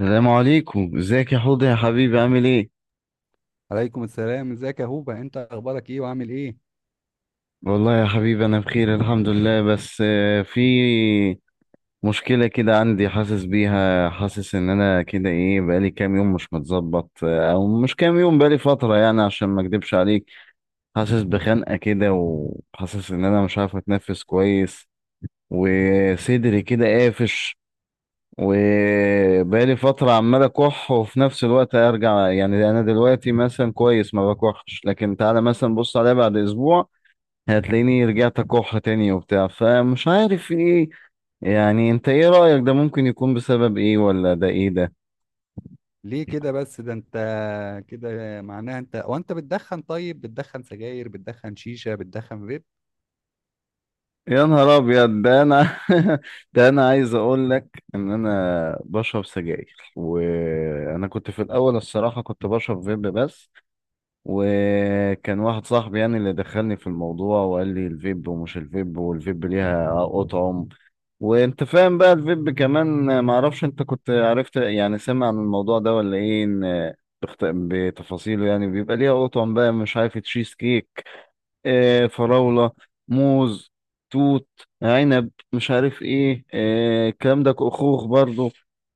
السلام عليكم، ازيك يا حوض يا حبيبي؟ عامل ايه؟ عليكم السلام، ازيك يا هوبا؟ انت اخبارك ايه وعامل ايه؟ والله يا حبيبي انا بخير الحمد لله، بس في مشكلة كده عندي. حاسس بيها، حاسس ان انا كده ايه، بقالي كام يوم مش متظبط، او مش كام يوم، بقالي فترة يعني عشان ما اكدبش عليك. حاسس بخنقة كده، وحاسس ان انا مش عارف اتنفس كويس. وصدري كده قافش. وبقالي فترة عمال أكح، وفي نفس الوقت أرجع. يعني أنا دلوقتي مثلا كويس ما بكحش، لكن تعالى مثلا بص عليا بعد أسبوع هتلاقيني رجعت أكح تاني وبتاع، فمش عارف إيه. يعني أنت إيه رأيك؟ ده ممكن يكون بسبب إيه، ولا ده إيه ده؟ ليه كده بس؟ ده انت كده معناها انت وانت بتدخن. طيب بتدخن سجاير؟ بتدخن شيشة؟ بتدخن فيب؟ يا نهار أبيض! ده أنا ده أنا عايز أقول لك إن أنا بشرب سجاير. وأنا كنت في الأول، الصراحة، كنت بشرب فيب بس. وكان واحد صاحبي يعني اللي دخلني في الموضوع، وقال لي الفيب، ومش الفيب، والفيب ليها أطعم. وانت فاهم بقى، الفيب كمان معرفش انت كنت عرفت، يعني سمع عن الموضوع ده ولا ايه، ان بتفاصيله، يعني بيبقى ليها أطعم بقى، مش عارف، تشيز كيك، فراولة، موز، توت، عنب، مش عارف ايه، الكلام ده، خوخ برضو.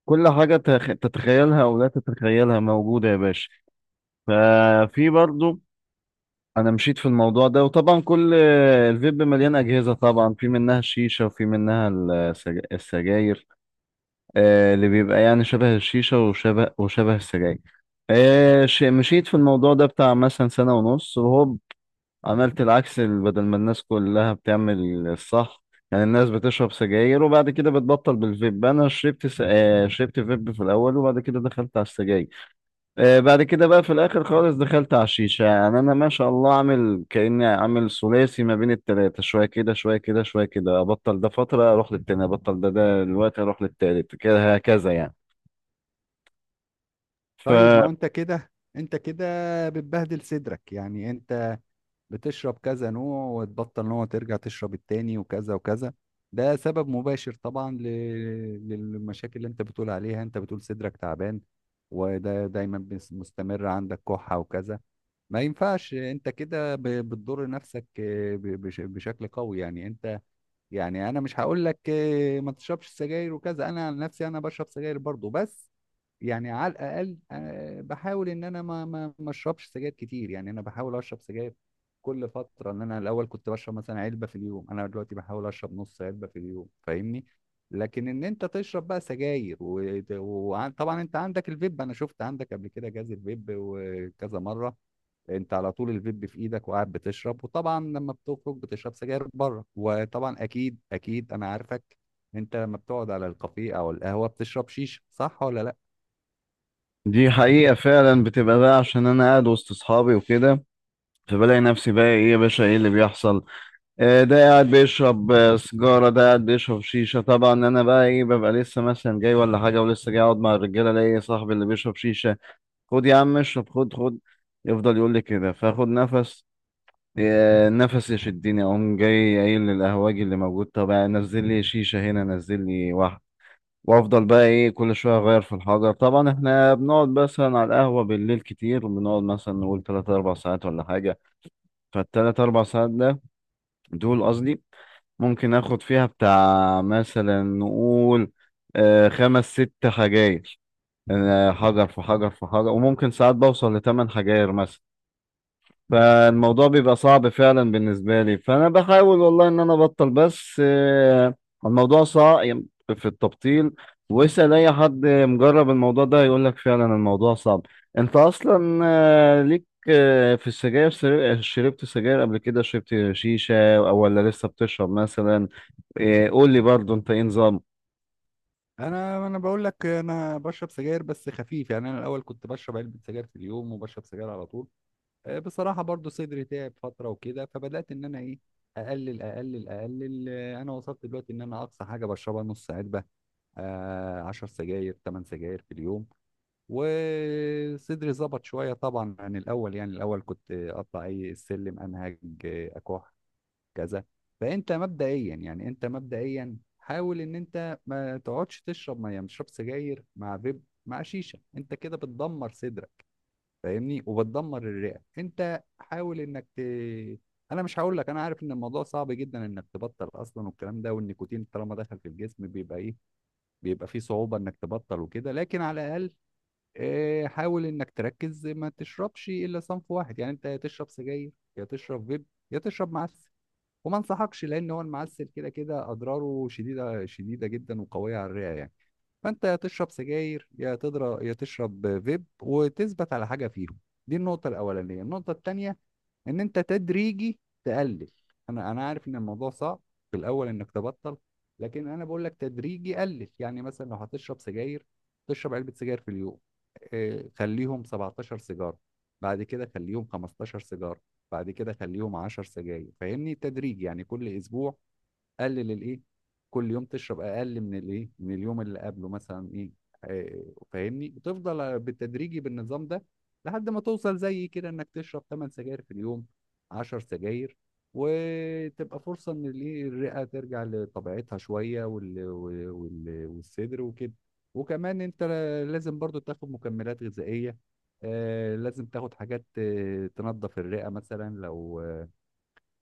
كل حاجة تتخيلها أو لا تتخيلها موجودة يا باشا. ففي برضو. انا مشيت في الموضوع ده، وطبعا كل الفيب مليان اجهزه، طبعا في منها الشيشه، وفي منها السجاير، اللي بيبقى يعني شبه الشيشه، وشبه السجاير. مشيت في الموضوع ده بتاع مثلا سنه ونص، وهوب عملت العكس. بدل ما الناس كلها بتعمل الصح، يعني الناس بتشرب سجاير وبعد كده بتبطل بالفيب، انا شربت س... آه، شربت فيب في الاول، وبعد كده دخلت على السجاير. بعد كده بقى في الاخر خالص دخلت على الشيشه. يعني انا ما شاء الله عامل، كاني عامل ثلاثي ما بين التلاته، شويه كده شويه كده شويه كده، ابطل ده فتره اروح للتاني، ابطل ده دلوقتي اروح للتالت، كده هكذا يعني. طيب ما فدي هو انت كده، انت كده بتبهدل صدرك. يعني انت بتشرب كذا نوع وتبطل نوع، ترجع تشرب التاني وكذا وكذا. ده سبب مباشر طبعا للمشاكل اللي انت بتقول عليها. انت بتقول صدرك تعبان، وده دايما مستمر، عندك كحة وكذا. ما ينفعش انت كده بتضر نفسك بشكل قوي يعني انت. يعني انا مش هقول لك ما تشربش سجاير وكذا، انا عن نفسي انا بشرب سجاير برضو، بس يعني على الاقل بحاول ان انا ما اشربش سجاير كتير. يعني انا بحاول اشرب سجاير كل فترة، ان انا الاول كنت بشرب مثلا علبة في اليوم، انا دلوقتي بحاول اشرب نص علبة في اليوم، فاهمني؟ لكن ان انت تشرب بقى سجاير، وطبعا انت عندك الفيب، انا شفت عندك قبل كده جهاز الفيب وكذا مرة، انت على طول الفيب في ايدك وقاعد بتشرب، وطبعا لما بتخرج بتشرب سجاير بره، وطبعا اكيد انا عارفك. انت لما بتقعد على الكافيه او القهوه بتشرب شيشه، صح ولا لا؟ حقيقه فعلا، بتبقى بقى عشان انا قاعد وسط اصحابي وكده، فبلاقي نفسي بقى ايه يا باشا، ايه اللي بيحصل؟ ده قاعد بيشرب سيجاره، ده قاعد بيشرب شيشه. طبعا انا بقى ايه، ببقى لسه مثلا جاي ولا حاجه، ولسه جاي اقعد مع الرجاله، الاقي صاحبي اللي بيشرب شيشه: خد يا عم اشرب، خد خد. يفضل يقول لي كده، فاخد نفس. نفس يشدني، اقوم جاي قايل للقهواجي اللي موجود: طب نزل لي شيشه هنا، نزل لي واحده. وافضل بقى ايه كل شويه اغير في الحجر. طبعا احنا بنقعد مثلا على القهوه بالليل كتير، بنقعد مثلا نقول 3 4 ساعات ولا حاجه. فالتلات اربع ساعات ده، دول قصدي، ممكن اخد فيها بتاع مثلا نقول، خمس ست حجاير، حجر في حجر في حجر، وممكن ساعات بوصل لثمان حجاير مثلا. فالموضوع بيبقى صعب فعلا بالنسبة لي، فأنا بحاول والله إن أنا أبطل، بس الموضوع صعب في التبطيل. واسأل أي حد مجرب الموضوع ده يقول لك فعلا الموضوع صعب. أنت أصلا ليك في السجاير، شربت سجاير قبل كده، شربت شيشة، ولا لسه بتشرب مثلا؟ قول لي برضه، أنت إيه نظام؟ انا بقول لك، انا بشرب سجاير بس خفيف. يعني انا الاول كنت بشرب علبه سجاير في اليوم وبشرب سجاير على طول. بصراحه برضو صدري تعب فتره وكده، فبدات ان انا ايه، اقلل انا وصلت دلوقتي ان انا اقصى حاجه بشربها نص علبه، آه، 10 سجاير، 8 سجاير في اليوم، وصدري ظبط شوية طبعا عن الأول. يعني الأول كنت أطلع أي السلم أنهج، أكح، كذا. فأنت مبدئيا، يعني أنت مبدئيا حاول إن أنت ما تقعدش تشرب مية، ما تشرب سجاير مع فيب مع شيشة، أنت كده بتدمر صدرك، فاهمني؟ وبتدمر الرئة. أنت حاول إنك أنا مش هقول لك، أنا عارف إن الموضوع صعب جدا إنك تبطل أصلا، والكلام ده، والنيكوتين طالما دخل في الجسم بيبقى إيه، بيبقى فيه صعوبة إنك تبطل وكده، لكن على الأقل حاول انك تركز ما تشربش الا صنف واحد. يعني انت يا تشرب سجاير، يا تشرب فيب، يا تشرب معسل، وما انصحكش، لان هو المعسل كده اضراره شديده جدا وقويه على الرئه يعني. فانت يا تشرب سجاير، يا تضرب، يا تشرب فيب، وتثبت على حاجه فيهم. دي النقطه الاولانيه. النقطه الثانيه، ان انت تدريجي تقلل. انا عارف ان الموضوع صعب في الاول انك تبطل، لكن انا بقول لك تدريجي قلل. يعني مثلا لو هتشرب سجاير، تشرب علبة سجاير في اليوم، خليهم 17 سيجارة، بعد كده خليهم 15 سيجارة، بعد كده خليهم 10 سجاير، فاهمني؟ تدريجي يعني، كل اسبوع قلل الايه، كل يوم تشرب اقل من الايه، من اليوم اللي قبله مثلا ايه، فاهمني؟ وتفضل بالتدريجي بالنظام ده لحد ما توصل زي كده انك تشرب 8 سجاير في اليوم، 10 سجاير، وتبقى فرصة ان الايه الرئة ترجع لطبيعتها شوية، والصدر وكده. وكمان انت لازم برضو تاخد مكملات غذائية، لازم تاخد حاجات تنظف الرئة، مثلا لو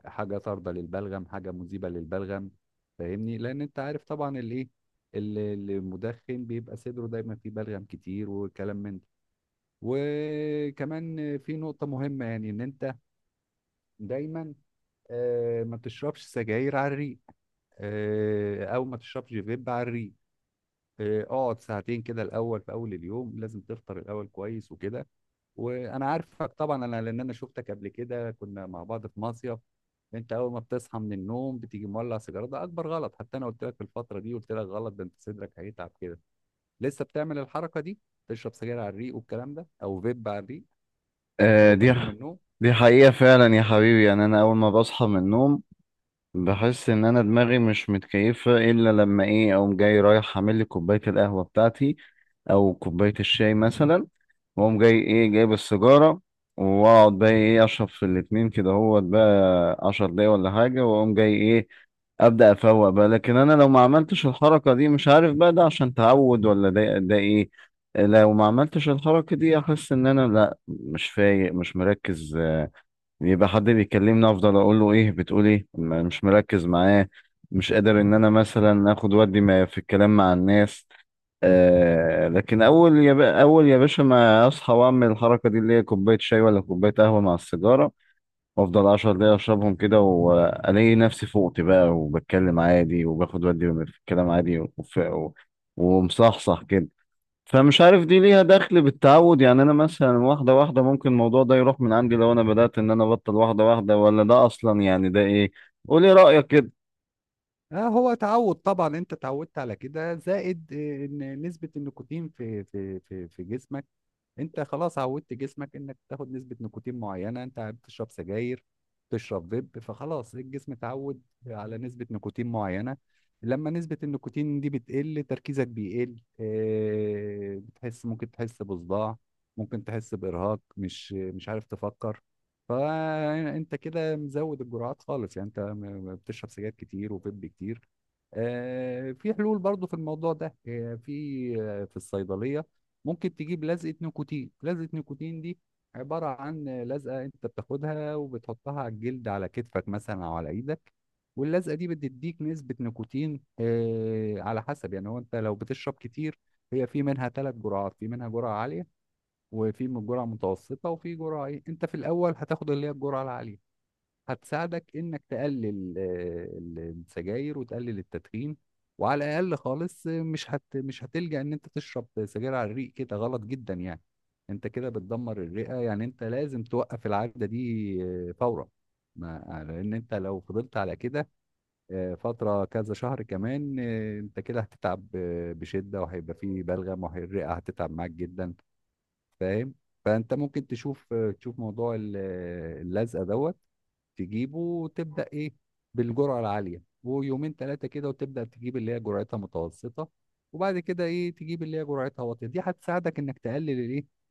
حاجه طارده للبلغم، حاجه مذيبه للبلغم، فاهمني؟ لان انت عارف طبعا الايه، ال- المدخن بيبقى صدره دايما فيه بلغم كتير وكلام من ده. وكمان في نقطه مهمه، يعني ان انت دايما ما تشربش سجاير على الريق، او ما تشربش فيب على الريق. إيه، اقعد ساعتين كده الاول، في اول اليوم لازم تفطر الاول كويس وكده. وانا عارفك طبعا انا، لان انا شفتك قبل كده كنا مع بعض في مصيف، انت اول ما بتصحى من النوم بتيجي مولع سيجاره، ده اكبر غلط. حتى انا قلت لك في الفتره دي، قلت لك غلط ده، انت صدرك هيتعب كده. لسه بتعمل الحركه دي؟ تشرب سجاير على الريق والكلام ده، او فيب على الريق آه، اول ما دي تقوم من النوم؟ دي حقيقة فعلا يا حبيبي. يعني أنا أول ما بصحى من النوم، بحس ان انا دماغي مش متكيفه الا لما ايه اقوم جاي رايح اعمل لي كوبايه القهوه بتاعتي، او كوبايه الشاي مثلا. واقوم جاي ايه جايب السيجاره، واقعد بقى ايه اشرب في الاتنين كده، هو بقى 10 دقايق ولا حاجه، واقوم جاي ايه ابدا افوق بقى. لكن انا لو ما عملتش الحركه دي، مش عارف بقى ده عشان تعود ولا ده ايه. لو ما عملتش الحركه دي احس ان انا لا مش فايق، مش مركز. يبقى حد بيكلمني افضل اقول له ايه بتقول ايه، مش مركز معاه، مش قادر ان انا مثلا اخد ودي ما في الكلام مع الناس. لكن اول يا بقى اول يا باشا ما اصحى واعمل الحركه دي اللي هي كوبايه شاي ولا كوبايه قهوه مع السيجاره، وافضل 10 دقايق اشربهم كده، والاقي نفسي فوقت بقى، وبتكلم عادي، وباخد ودي في الكلام عادي، ومصحصح كده. فمش عارف دي ليها دخل بالتعود، يعني انا مثلا واحده واحده ممكن الموضوع ده يروح من عندي لو انا بدات ان انا ابطل واحده واحده، ولا ده اصلا يعني ده ايه؟ قولي رايك كده. اه، هو تعود طبعا، انت اتعودت على كده، زائد إيه، ان نسبه النيكوتين في جسمك، انت خلاص عودت جسمك انك تاخد نسبة نيكوتين معينة، انت بتشرب سجاير، تشرب فيب، فخلاص الجسم اتعود على نسبة نيكوتين معينة. لما نسبة النيكوتين دي بتقل، تركيزك بيقل، اه، بتحس، ممكن تحس بصداع، ممكن تحس بإرهاق، مش عارف تفكر. فانت كده مزود الجرعات خالص، يعني انت بتشرب سجاير كتير وفيب كتير. في حلول برضو في الموضوع ده، في الصيدلية ممكن تجيب لزقة نيكوتين. لزقة نيكوتين دي عبارة عن لزقة انت بتاخدها وبتحطها على الجلد، على كتفك مثلا او على ايدك، واللزقة دي بتديك نسبة نيكوتين، على حسب يعني، هو انت لو بتشرب كتير، هي في منها ثلاث جرعات، في منها جرعة عالية، وفي من جرعة متوسطة، وفي جرعة ايه، انت في الاول هتاخد اللي هي الجرعة العالية، هتساعدك انك تقلل السجاير وتقلل التدخين، وعلى الاقل خالص مش هتلجأ ان انت تشرب سجاير على الريق، كده غلط جدا يعني. انت كده بتدمر الرئة، يعني انت لازم توقف العادة دي فورا. ما آه، لان انت لو فضلت على كده فترة كذا شهر كمان، انت كده هتتعب بشدة، وهيبقى فيه بلغم، والرئة هتتعب معاك جدا، فاهم؟ فانت ممكن تشوف تشوف موضوع اللزقة دوت، تجيبه وتبدا ايه بالجرعه العاليه، ويومين ثلاثه كده وتبدا تجيب اللي هي جرعتها متوسطه، وبعد كده ايه تجيب اللي هي جرعتها واطيه. دي هتساعدك انك تقلل الايه،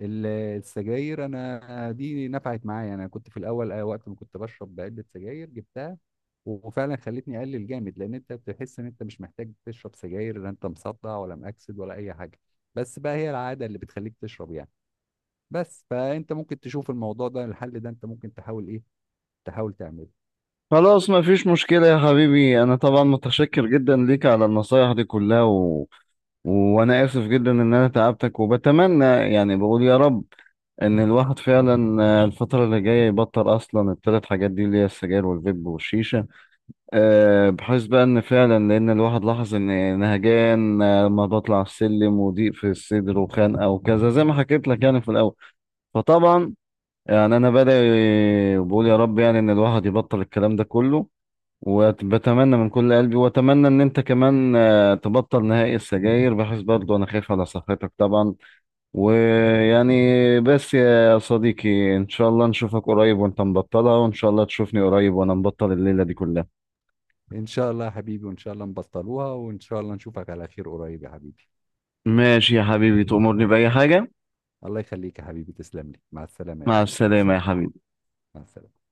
السجاير. انا دي نفعت معايا، انا كنت في الاول وقت ما كنت بشرب علبه سجاير جبتها، وفعلا خلتني اقلل جامد، لان انت بتحس ان انت مش محتاج تشرب سجاير، لا انت مصدع ولا مأكسد ولا اي حاجه، بس بقى هي العاده اللي بتخليك تشرب يعني. بس فانت ممكن تشوف الموضوع ده، الحل ده انت ممكن تحاول ايه، تحاول تعمله. خلاص مفيش مشكله يا حبيبي، انا طبعا متشكر جدا ليك على النصايح دي كلها، وانا اسف جدا ان انا تعبتك. وبتمنى يعني بقول يا رب ان الواحد فعلا، الفتره اللي جايه، يبطل اصلا الثلاث حاجات دي اللي هي السجاير والفيب والشيشه، بحيث بقى ان فعلا، لان الواحد لاحظ ان نهجان لما بطلع السلم، وضيق في الصدر وخنقه وكذا زي ما حكيت لك يعني في الاول. فطبعا يعني انا بدأ بقول يا رب، يعني ان الواحد يبطل الكلام ده كله. وبتمنى من كل قلبي، واتمنى ان انت كمان تبطل نهائي السجاير، بحيث برضو انا خايف على صحتك طبعا، ويعني، بس يا صديقي ان شاء الله نشوفك قريب وانت مبطلها، وان شاء الله تشوفني قريب وانا مبطل الليلة دي كلها. ان شاء الله يا حبيبي، وان شاء الله نبطلوها، وان شاء الله نشوفك على خير قريب يا حبيبي. ماشي يا حبيبي، تأمرني بأي حاجة. الله يخليك يا حبيبي، تسلم لي، مع السلامة يا مع هاني، مع السلامة يا السلامة. حبيبي. مع السلامة.